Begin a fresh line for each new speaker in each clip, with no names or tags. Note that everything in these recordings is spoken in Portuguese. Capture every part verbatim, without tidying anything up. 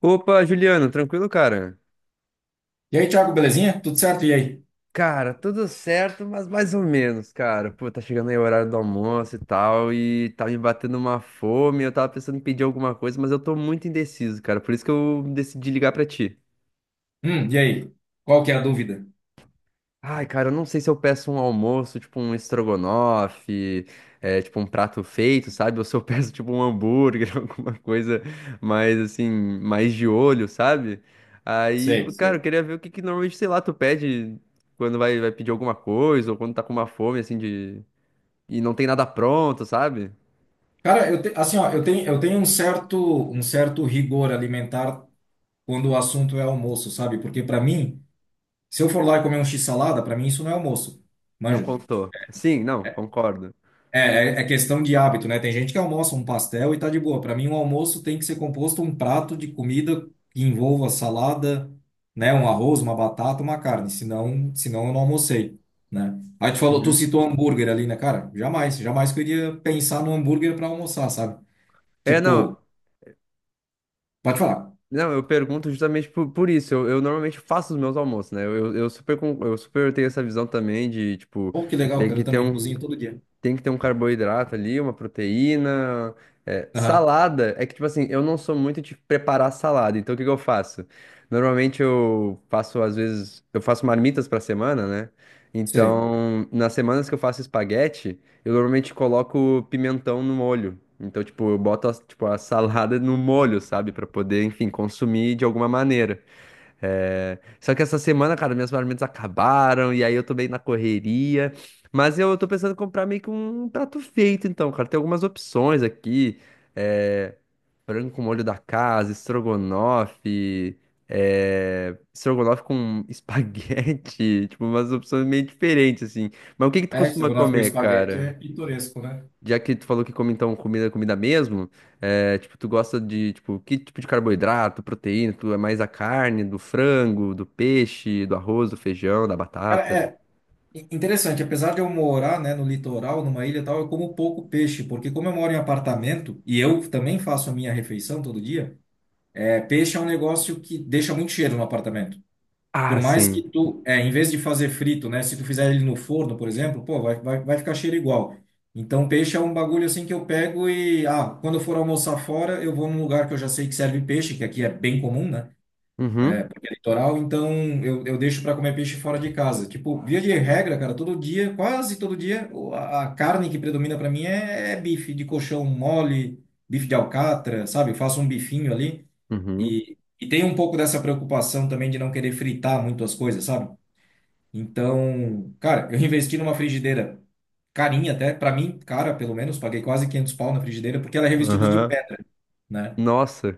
Opa, Juliano, tranquilo, cara?
E aí, Thiago, belezinha? Tudo certo? E aí?
Cara, tudo certo, mas mais ou menos, cara. Pô, tá chegando aí o horário do almoço e tal, e tá me batendo uma fome. Eu tava pensando em pedir alguma coisa, mas eu tô muito indeciso, cara. Por isso que eu decidi ligar pra ti.
Hum, e aí? Qual que é a dúvida?
Ai, cara, eu não sei se eu peço um almoço, tipo um estrogonofe, é, tipo um prato feito, sabe? Ou se eu peço tipo um hambúrguer, alguma coisa mais assim, mais de olho, sabe? Aí,
Sei,
cara, eu
sei.
queria ver o que que normalmente, sei lá, tu pede quando vai, vai pedir alguma coisa ou quando tá com uma fome, assim, de... E não tem nada pronto, sabe?
Cara, eu te- assim, ó, eu tenho, eu tenho um certo, um certo rigor alimentar quando o assunto é almoço, sabe? Porque para mim, se eu for lá e comer um x-salada, para mim isso não é almoço.
Não
Manja?
contou. Sim, não, concordo.
É, é é questão de hábito, né? Tem gente que almoça um pastel e tá de boa. Para mim, um almoço tem que ser composto um prato de comida que envolva salada, né? Um arroz, uma batata, uma carne. Senão, senão eu não almocei, né? Aí tu falou, tu
Uhum.
citou hambúrguer ali, né, cara? Jamais, jamais que eu iria pensar no hambúrguer para almoçar, sabe?
É,
Tipo,
não.
pode falar.
Não, eu pergunto justamente por, por isso. Eu, eu normalmente faço os meus almoços, né? Eu, eu, eu super, con- eu super tenho essa visão também de, tipo,
Pô, que legal,
tem
cara,
que
eu
ter
também
um,
cozinho todo dia.
tem que ter um carboidrato ali, uma proteína. É,
Aham,
salada, é que, tipo assim, eu não sou muito de preparar salada, então o que que eu faço? Normalmente eu faço, às vezes, eu faço marmitas pra semana, né?
sei.
Então, nas semanas que eu faço espaguete, eu normalmente coloco pimentão no molho. Então, tipo, eu boto, a- tipo, a salada no molho, sabe? Pra poder, enfim, consumir de alguma maneira. É, só que essa semana, cara, minhas marmitas acabaram e aí eu tô bem na correria. Mas eu tô pensando em comprar meio que um prato feito, então, cara. Tem algumas opções aqui. É... Frango com molho da casa, estrogonofe, é... estrogonofe com espaguete. Tipo, umas opções meio diferentes, assim. Mas o que que tu
É,
costuma
estrogonofe com
comer,
espaguete é
cara?
pitoresco, né?
Já que tu falou que come então comida, comida mesmo, é, tipo, tu gosta de, tipo, que tipo de carboidrato, proteína, tu é mais a carne, do frango, do peixe, do arroz, do feijão, da
Cara,
batata?
é, In- Interessante, apesar de eu morar, né, no litoral, numa ilha e tal, eu como pouco peixe, porque como eu moro em apartamento e eu também faço a minha refeição todo dia, é, peixe é um negócio que deixa muito cheiro no apartamento. Por
Ah,
mais que
sim.
tu, é, em vez de fazer frito, né, se tu fizer ele no forno, por exemplo, pô, vai, vai, vai ficar cheiro igual. Então, peixe é um bagulho assim que eu pego e, ah, quando eu for almoçar fora, eu vou num lugar que eu já sei que serve peixe, que aqui é bem comum, né?
Uhum,
Toral, então eu, eu deixo para comer peixe fora de casa. Tipo, via de regra, cara, todo dia, quase todo dia, o- a, a carne que predomina para mim é, é bife de coxão mole, bife de alcatra, sabe? Eu faço um bifinho ali
uhum,
e, e tem um pouco dessa preocupação também de não querer fritar muito as coisas, sabe? Então, cara, eu investi numa frigideira carinha até, para mim, cara, pelo menos, paguei quase quinhentos pau na frigideira porque ela é revestida de
aham.
pedra, né?
Nossa.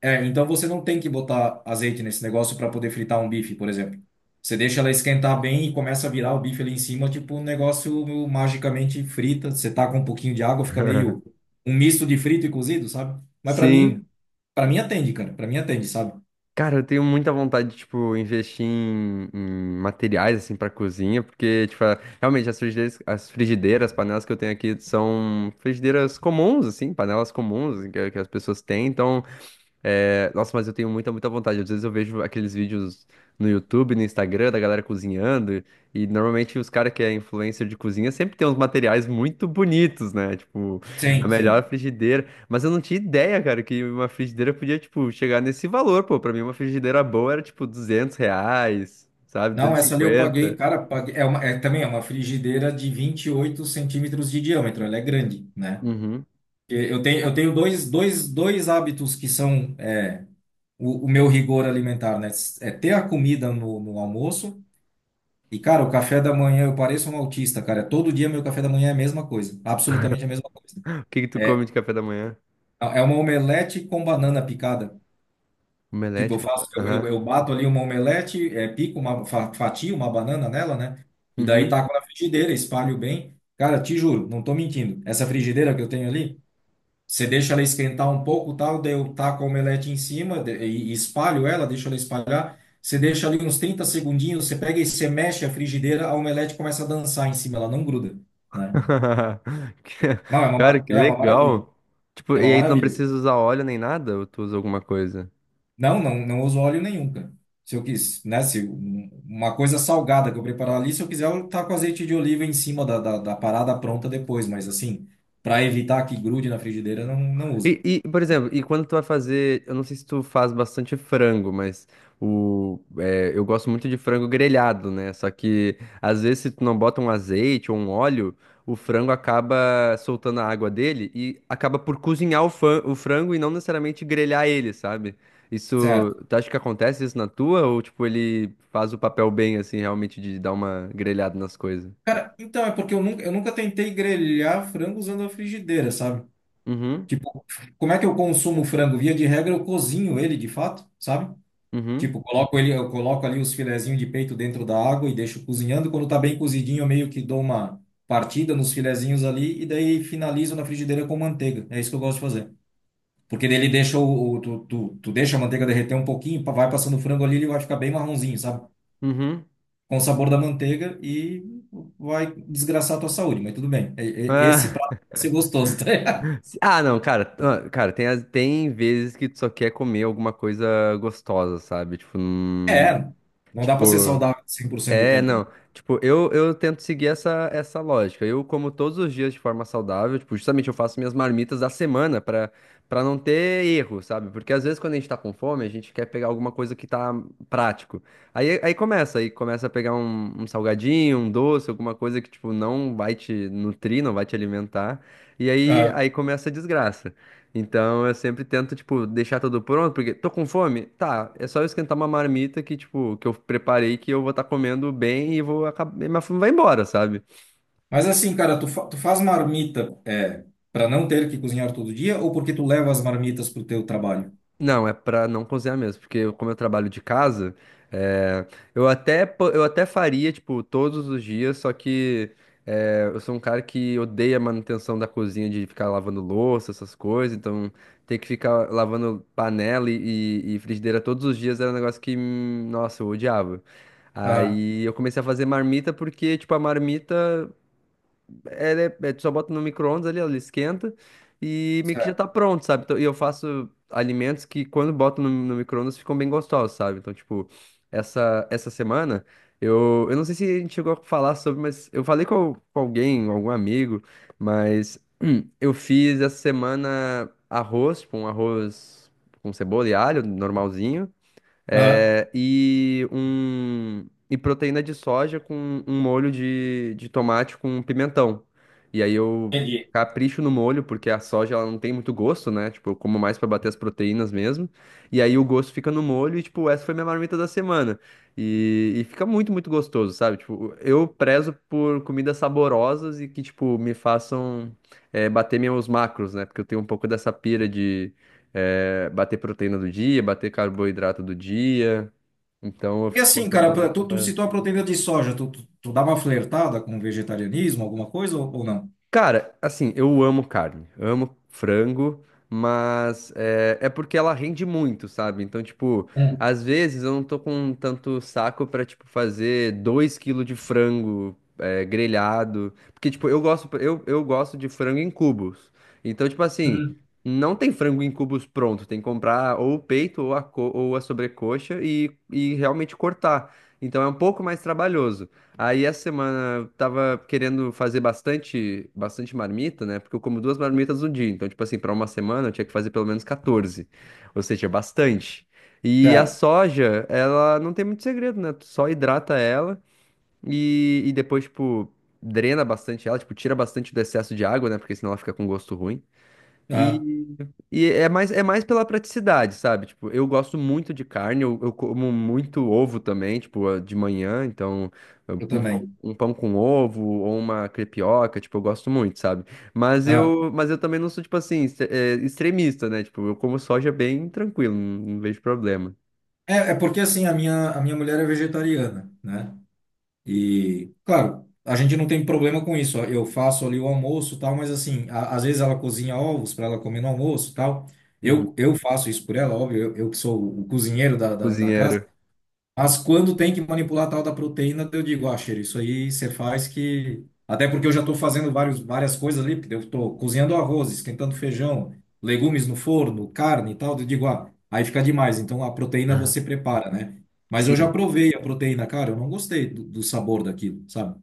É, então você não tem que botar azeite nesse negócio para poder fritar um bife, por exemplo. Você deixa ela esquentar bem e começa a virar o bife ali em cima, tipo, um negócio magicamente frita. Você tá com um pouquinho de água, fica meio um misto de frito e cozido, sabe? Mas para
Sim.
mim, para mim atende, cara. Para mim atende, sabe?
Cara, eu tenho muita vontade de, tipo, investir em, em materiais, assim, pra cozinha, porque, tipo, a- realmente as frigideiras, as frigideiras, as panelas que eu tenho aqui são frigideiras comuns, assim, panelas comuns que, que as pessoas têm, então... É, nossa, mas eu tenho muita, muita vontade. Às vezes eu vejo aqueles vídeos no YouTube, no Instagram, da galera cozinhando, e normalmente os caras que é influencer de cozinha sempre tem uns materiais muito bonitos, né? Tipo, a
Sim,
melhor
sim.
frigideira. Mas eu não tinha ideia, cara, que uma frigideira podia, tipo, chegar nesse valor, pô. Pra mim, uma frigideira boa era, tipo, duzentos reais, sabe?
Não, essa ali eu paguei,
duzentos e cinquenta.
cara, paguei, é uma, é também é uma frigideira de vinte e oito centímetros de diâmetro, ela é grande, né?
Uhum.
E Eu tenho, eu tenho dois, dois, dois hábitos que são, é, o, o meu rigor alimentar, né? É ter a comida no, no almoço. E, cara, o café da manhã, eu pareço um autista, cara. Todo dia meu café da manhã é a mesma coisa. Absolutamente a mesma coisa.
O que que tu
É,
come de café da manhã?
É uma omelete com banana picada. Tipo,
Omelete
eu
com... ba-
faço, eu, eu,
Aham.
eu bato ali uma omelete, é, pico uma, fa- fatio uma banana nela, né? E daí
Uhum.
taco na frigideira, espalho bem. Cara, te juro, não tô mentindo. Essa frigideira que eu tenho ali. Você deixa ela esquentar um pouco, tal, daí eu taco a omelete em cima de- e e espalho ela, deixo ela espalhar. Você deixa ali uns trinta segundinhos, você pega e você mexe a frigideira, a omelete começa a dançar em cima, ela não gruda, né?
Que-
Não, é uma,
Cara,
mar-
que
é uma maravilha.
legal. Tipo,
É uma
e aí tu não
maravilha.
precisa usar óleo nem nada? Ou tu usa alguma coisa?
Não, não, não uso óleo nenhum, cara. Se eu quis, né? Se um- uma coisa salgada que eu preparar ali, se eu quiser, eu taco azeite de oliva em cima da, da, da parada pronta depois, mas assim, para evitar que grude na frigideira, não, não uso.
E, e, por exemplo, e quando tu vai fazer, eu não sei se tu faz bastante frango, mas o, é, eu gosto muito de frango grelhado, né? Só que às vezes se tu não bota um azeite ou um óleo, o frango acaba soltando a água dele e acaba por cozinhar o, fran- o frango e não necessariamente grelhar ele, sabe? Isso,
Certo.
tu acha que acontece isso na tua ou tipo ele faz o papel bem assim, realmente de dar uma grelhada nas coisas?
Então, é porque eu nunca, eu nunca tentei grelhar frango usando a frigideira, sabe?
Uhum,
Tipo, como é que eu consumo o frango? Via de regra, eu cozinho ele de fato, sabe?
uhum,
Tipo, coloco ele, eu coloco ali os filezinhos de peito dentro da água e deixo cozinhando. Quando tá bem cozidinho, eu meio que dou uma partida nos filezinhos ali e daí finalizo na frigideira com manteiga. É isso que eu gosto de fazer. Porque daí ele deixa o, o- tu, tu, tu deixa a manteiga derreter um pouquinho, vai passando o frango ali, ele vai ficar bem marronzinho, sabe?
uhum.
Com o sabor da manteiga e vai desgraçar a tua saúde, mas tudo bem. E- e-
Ah.
Esse prato vai ser gostoso, tá? Ligado?
Ah, não, cara, ah, cara, tem, as- tem vezes que tu só quer comer alguma coisa gostosa, sabe? Tipo, hum,
É, não dá para ser
tipo,
saudável cem por cento do
é, não.
tempo,
Tipo, eu, eu tento seguir essa, essa lógica. Eu como todos os dias de forma saudável, tipo, justamente eu faço minhas marmitas da semana pra, pra não ter erro, sabe? Porque às vezes quando a gente tá com fome, a gente quer pegar alguma coisa que tá prático. Aí, aí começa, aí começa a pegar um, um salgadinho, um doce, alguma coisa que, tipo, não vai te nutrir, não vai te alimentar. E
né?
aí,
É.
aí começa a desgraça. Então eu sempre tento, tipo, deixar tudo pronto, porque tô com fome? Tá, é só eu esquentar uma marmita que, tipo, que eu preparei que eu vou estar comendo bem e vou acabar. Minha fome vai embora, sabe?
Mas assim, cara, tu, fa- tu faz marmita é, para não ter que cozinhar todo dia ou porque tu leva as marmitas pro teu trabalho?
Não, é pra não cozinhar mesmo, porque eu- como eu trabalho de casa, é, eu até, po- eu até faria, tipo, todos os dias, só que é, eu sou um cara que odeia a manutenção da cozinha, de ficar lavando louça, essas coisas, então ter que ficar lavando panela e, e- e frigideira todos os dias era um negócio que, hum, nossa, eu odiava.
Ah,
Aí eu comecei a fazer marmita porque, tipo, a marmita ela é, né, é, tu só bota no micro-ondas ali, ela esquenta e meio que já
certo.
tá pronto, sabe? Então, e eu faço alimentos que quando boto no, no micro-ondas ficam bem gostosos, sabe? Então, tipo, essa, essa semana eu, eu não sei se a gente chegou a falar sobre, mas eu falei com, al- com alguém, algum amigo, mas eu fiz essa semana arroz, tipo, um arroz com cebola e alho, normalzinho.
Ah,
É, e um e proteína de soja com um molho de, de tomate com pimentão. E aí eu
entendi.
capricho no molho, porque a soja ela não tem muito gosto, né? Tipo, eu como mais pra bater as proteínas mesmo. E aí o gosto fica no molho e, tipo, essa foi minha marmita da semana. E, e fica muito, muito gostoso, sabe? Tipo, eu prezo por comidas saborosas e que, tipo, me façam, é, bater meus macros, né? Porque eu tenho um pouco dessa pira é, bater proteína do dia, bater carboidrato do dia. Então eu
E
fico
assim, cara,
controlando
pra- tu, tu
pela.
citou a proteína de soja, tu, tu, tu dá uma flertada com vegetarianismo, alguma coisa ou, ou não?
Cara, assim, eu amo carne, amo frango, mas é, é porque ela rende muito, sabe? Então, tipo,
Hum,
às vezes eu não tô com tanto saco pra, tipo, fazer dois quilos de frango é, grelhado. Porque, tipo, eu gosto, eu, eu gosto de frango em cubos. Então, tipo assim,
hum.
não tem frango em cubos pronto, tem que comprar ou o peito ou a, co- ou a sobrecoxa e, e realmente cortar. Então é um pouco mais trabalhoso. Aí essa semana eu tava querendo fazer bastante, bastante marmita, né? Porque eu como duas marmitas no dia. Então, tipo assim, para uma semana eu tinha que fazer pelo menos catorze. Ou seja, bastante. E a
Certo.
soja, ela não tem muito segredo, né? Tu só hidrata ela e, e depois, tipo, drena bastante ela, tipo, tira bastante do excesso de água, né? Porque senão ela fica com gosto ruim.
Ah,
E, e é mais, é mais pela praticidade, sabe? Tipo, eu gosto muito de carne, eu, eu como muito ovo também, tipo, eh, de manhã, então eu-
eu
um pão,
também.
um pão com ovo ou uma crepioca, tipo, eu gosto muito, sabe? Mas eu, mas eu também não sou, tipo assim, ex- eh, extremista, né? Tipo, eu como soja bem tranquilo, não, não vejo problema.
É, é porque assim, a minha, a minha mulher é vegetariana, né? E, claro, a gente não tem problema com isso. Ó. Eu faço ali o almoço e tal, mas assim, a- às vezes ela cozinha ovos para ela comer no almoço e tal.
Uhum.
Eu, eu faço isso por ela, óbvio, eu, eu que sou o cozinheiro da, da, da casa.
Cozinheiro.
Mas quando tem que manipular a tal da proteína, eu digo, ah, cheiro, isso aí você faz que. Até porque eu já estou fazendo vários, várias coisas ali, porque eu estou cozinhando arroz, esquentando feijão, legumes no forno, carne e tal. Eu digo, ah, aí fica demais. Então a proteína você prepara, né? Mas eu já
Sim.
provei a proteína, cara, eu não gostei do, do sabor daquilo, sabe?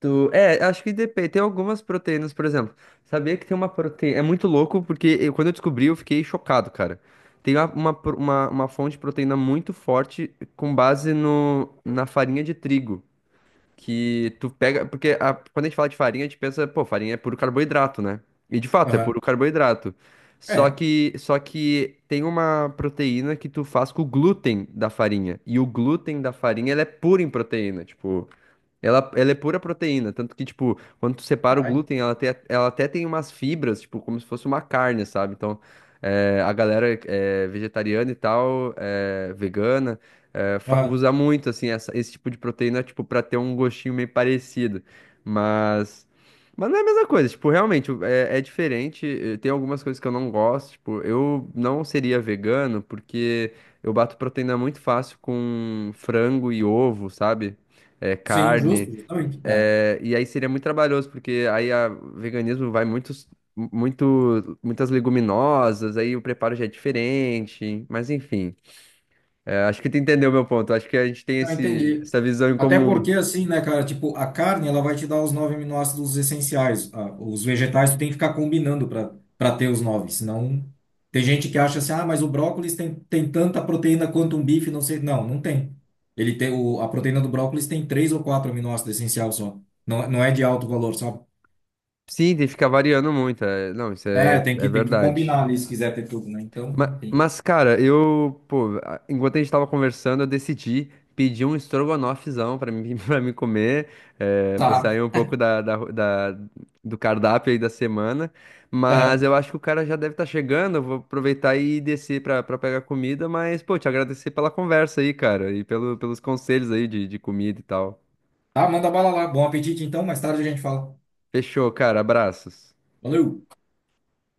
Tu- É, acho que depende. Tem algumas proteínas, por exemplo. Sabia que tem uma proteína. É muito louco, porque eu- quando eu descobri, eu fiquei chocado, cara. Tem uma, uma, pro- uma, uma fonte de proteína muito forte com base no, na farinha de trigo. Que tu pega. Porque a- quando a gente fala de farinha, a gente pensa, pô, farinha é puro carboidrato, né? E de fato, é
Aham.
puro carboidrato. Só
É.
que, só que tem uma proteína que tu faz com o glúten da farinha. E o glúten da farinha, ela é pura em proteína. Tipo. Ela, ela é pura proteína, tanto que, tipo, quando tu separa o
Caralho.
glúten, ela, tem, ela até tem umas fibras, tipo, como se fosse uma carne, sabe? Então, eh, a galera eh, vegetariana e tal, eh, vegana, eh, fa-
Aham.
usa muito, assim, essa- esse tipo de proteína, tipo, pra ter um gostinho meio parecido. Mas, mas não é a mesma coisa, tipo, realmente, o- é, é diferente. eh, Tem algumas coisas que eu não gosto, tipo, eu não seria vegano porque eu bato proteína muito fácil com frango e ovo, sabe? É,
Sim,
carne.
justo, justamente. É.
É, e aí seria muito trabalhoso, porque aí a o veganismo vai muitos, muito, muitas leguminosas, aí o preparo já é diferente, mas enfim. É, acho que tu entendeu o meu ponto. Acho que a gente tem
Não,
esse,
entendi.
essa visão em
Até
comum.
porque, assim, né, cara, tipo, a carne, ela vai te dar os nove aminoácidos essenciais. Ah, os vegetais, tu tem que ficar combinando para para ter os nove, senão... Tem gente que acha assim, ah, mas o brócolis tem, tem tanta proteína quanto um bife, não sei. Não, não tem. Ele tem o, a proteína do brócolis tem três ou quatro aminoácidos essenciais só. Não, não é de alto valor, sabe?
Sim, tem que ficar variando muito. É, não, isso
É,
é,
tem
é
que, tem que
verdade.
combinar ali se quiser ter tudo, né? Então,
Ma-
enfim.
Mas, cara, eu, pô, a- enquanto a gente tava conversando, eu decidi pedir um estrogonofezão pra mim, pra mim comer. É, vou
Tá.
sair um pouco da, da, ro- da- do cardápio aí da semana. Mas
Aham.
eu acho que o cara já deve estar chegando. Eu vou aproveitar e descer pra, pra pegar comida. Mas, pô, te agradecer pela conversa aí, cara, e pelo, pelos conselhos aí de, de comida e tal.
Tá, manda bala lá. Bom apetite, então. Mais tarde a gente fala.
Fechou, cara. Abraços.
Valeu!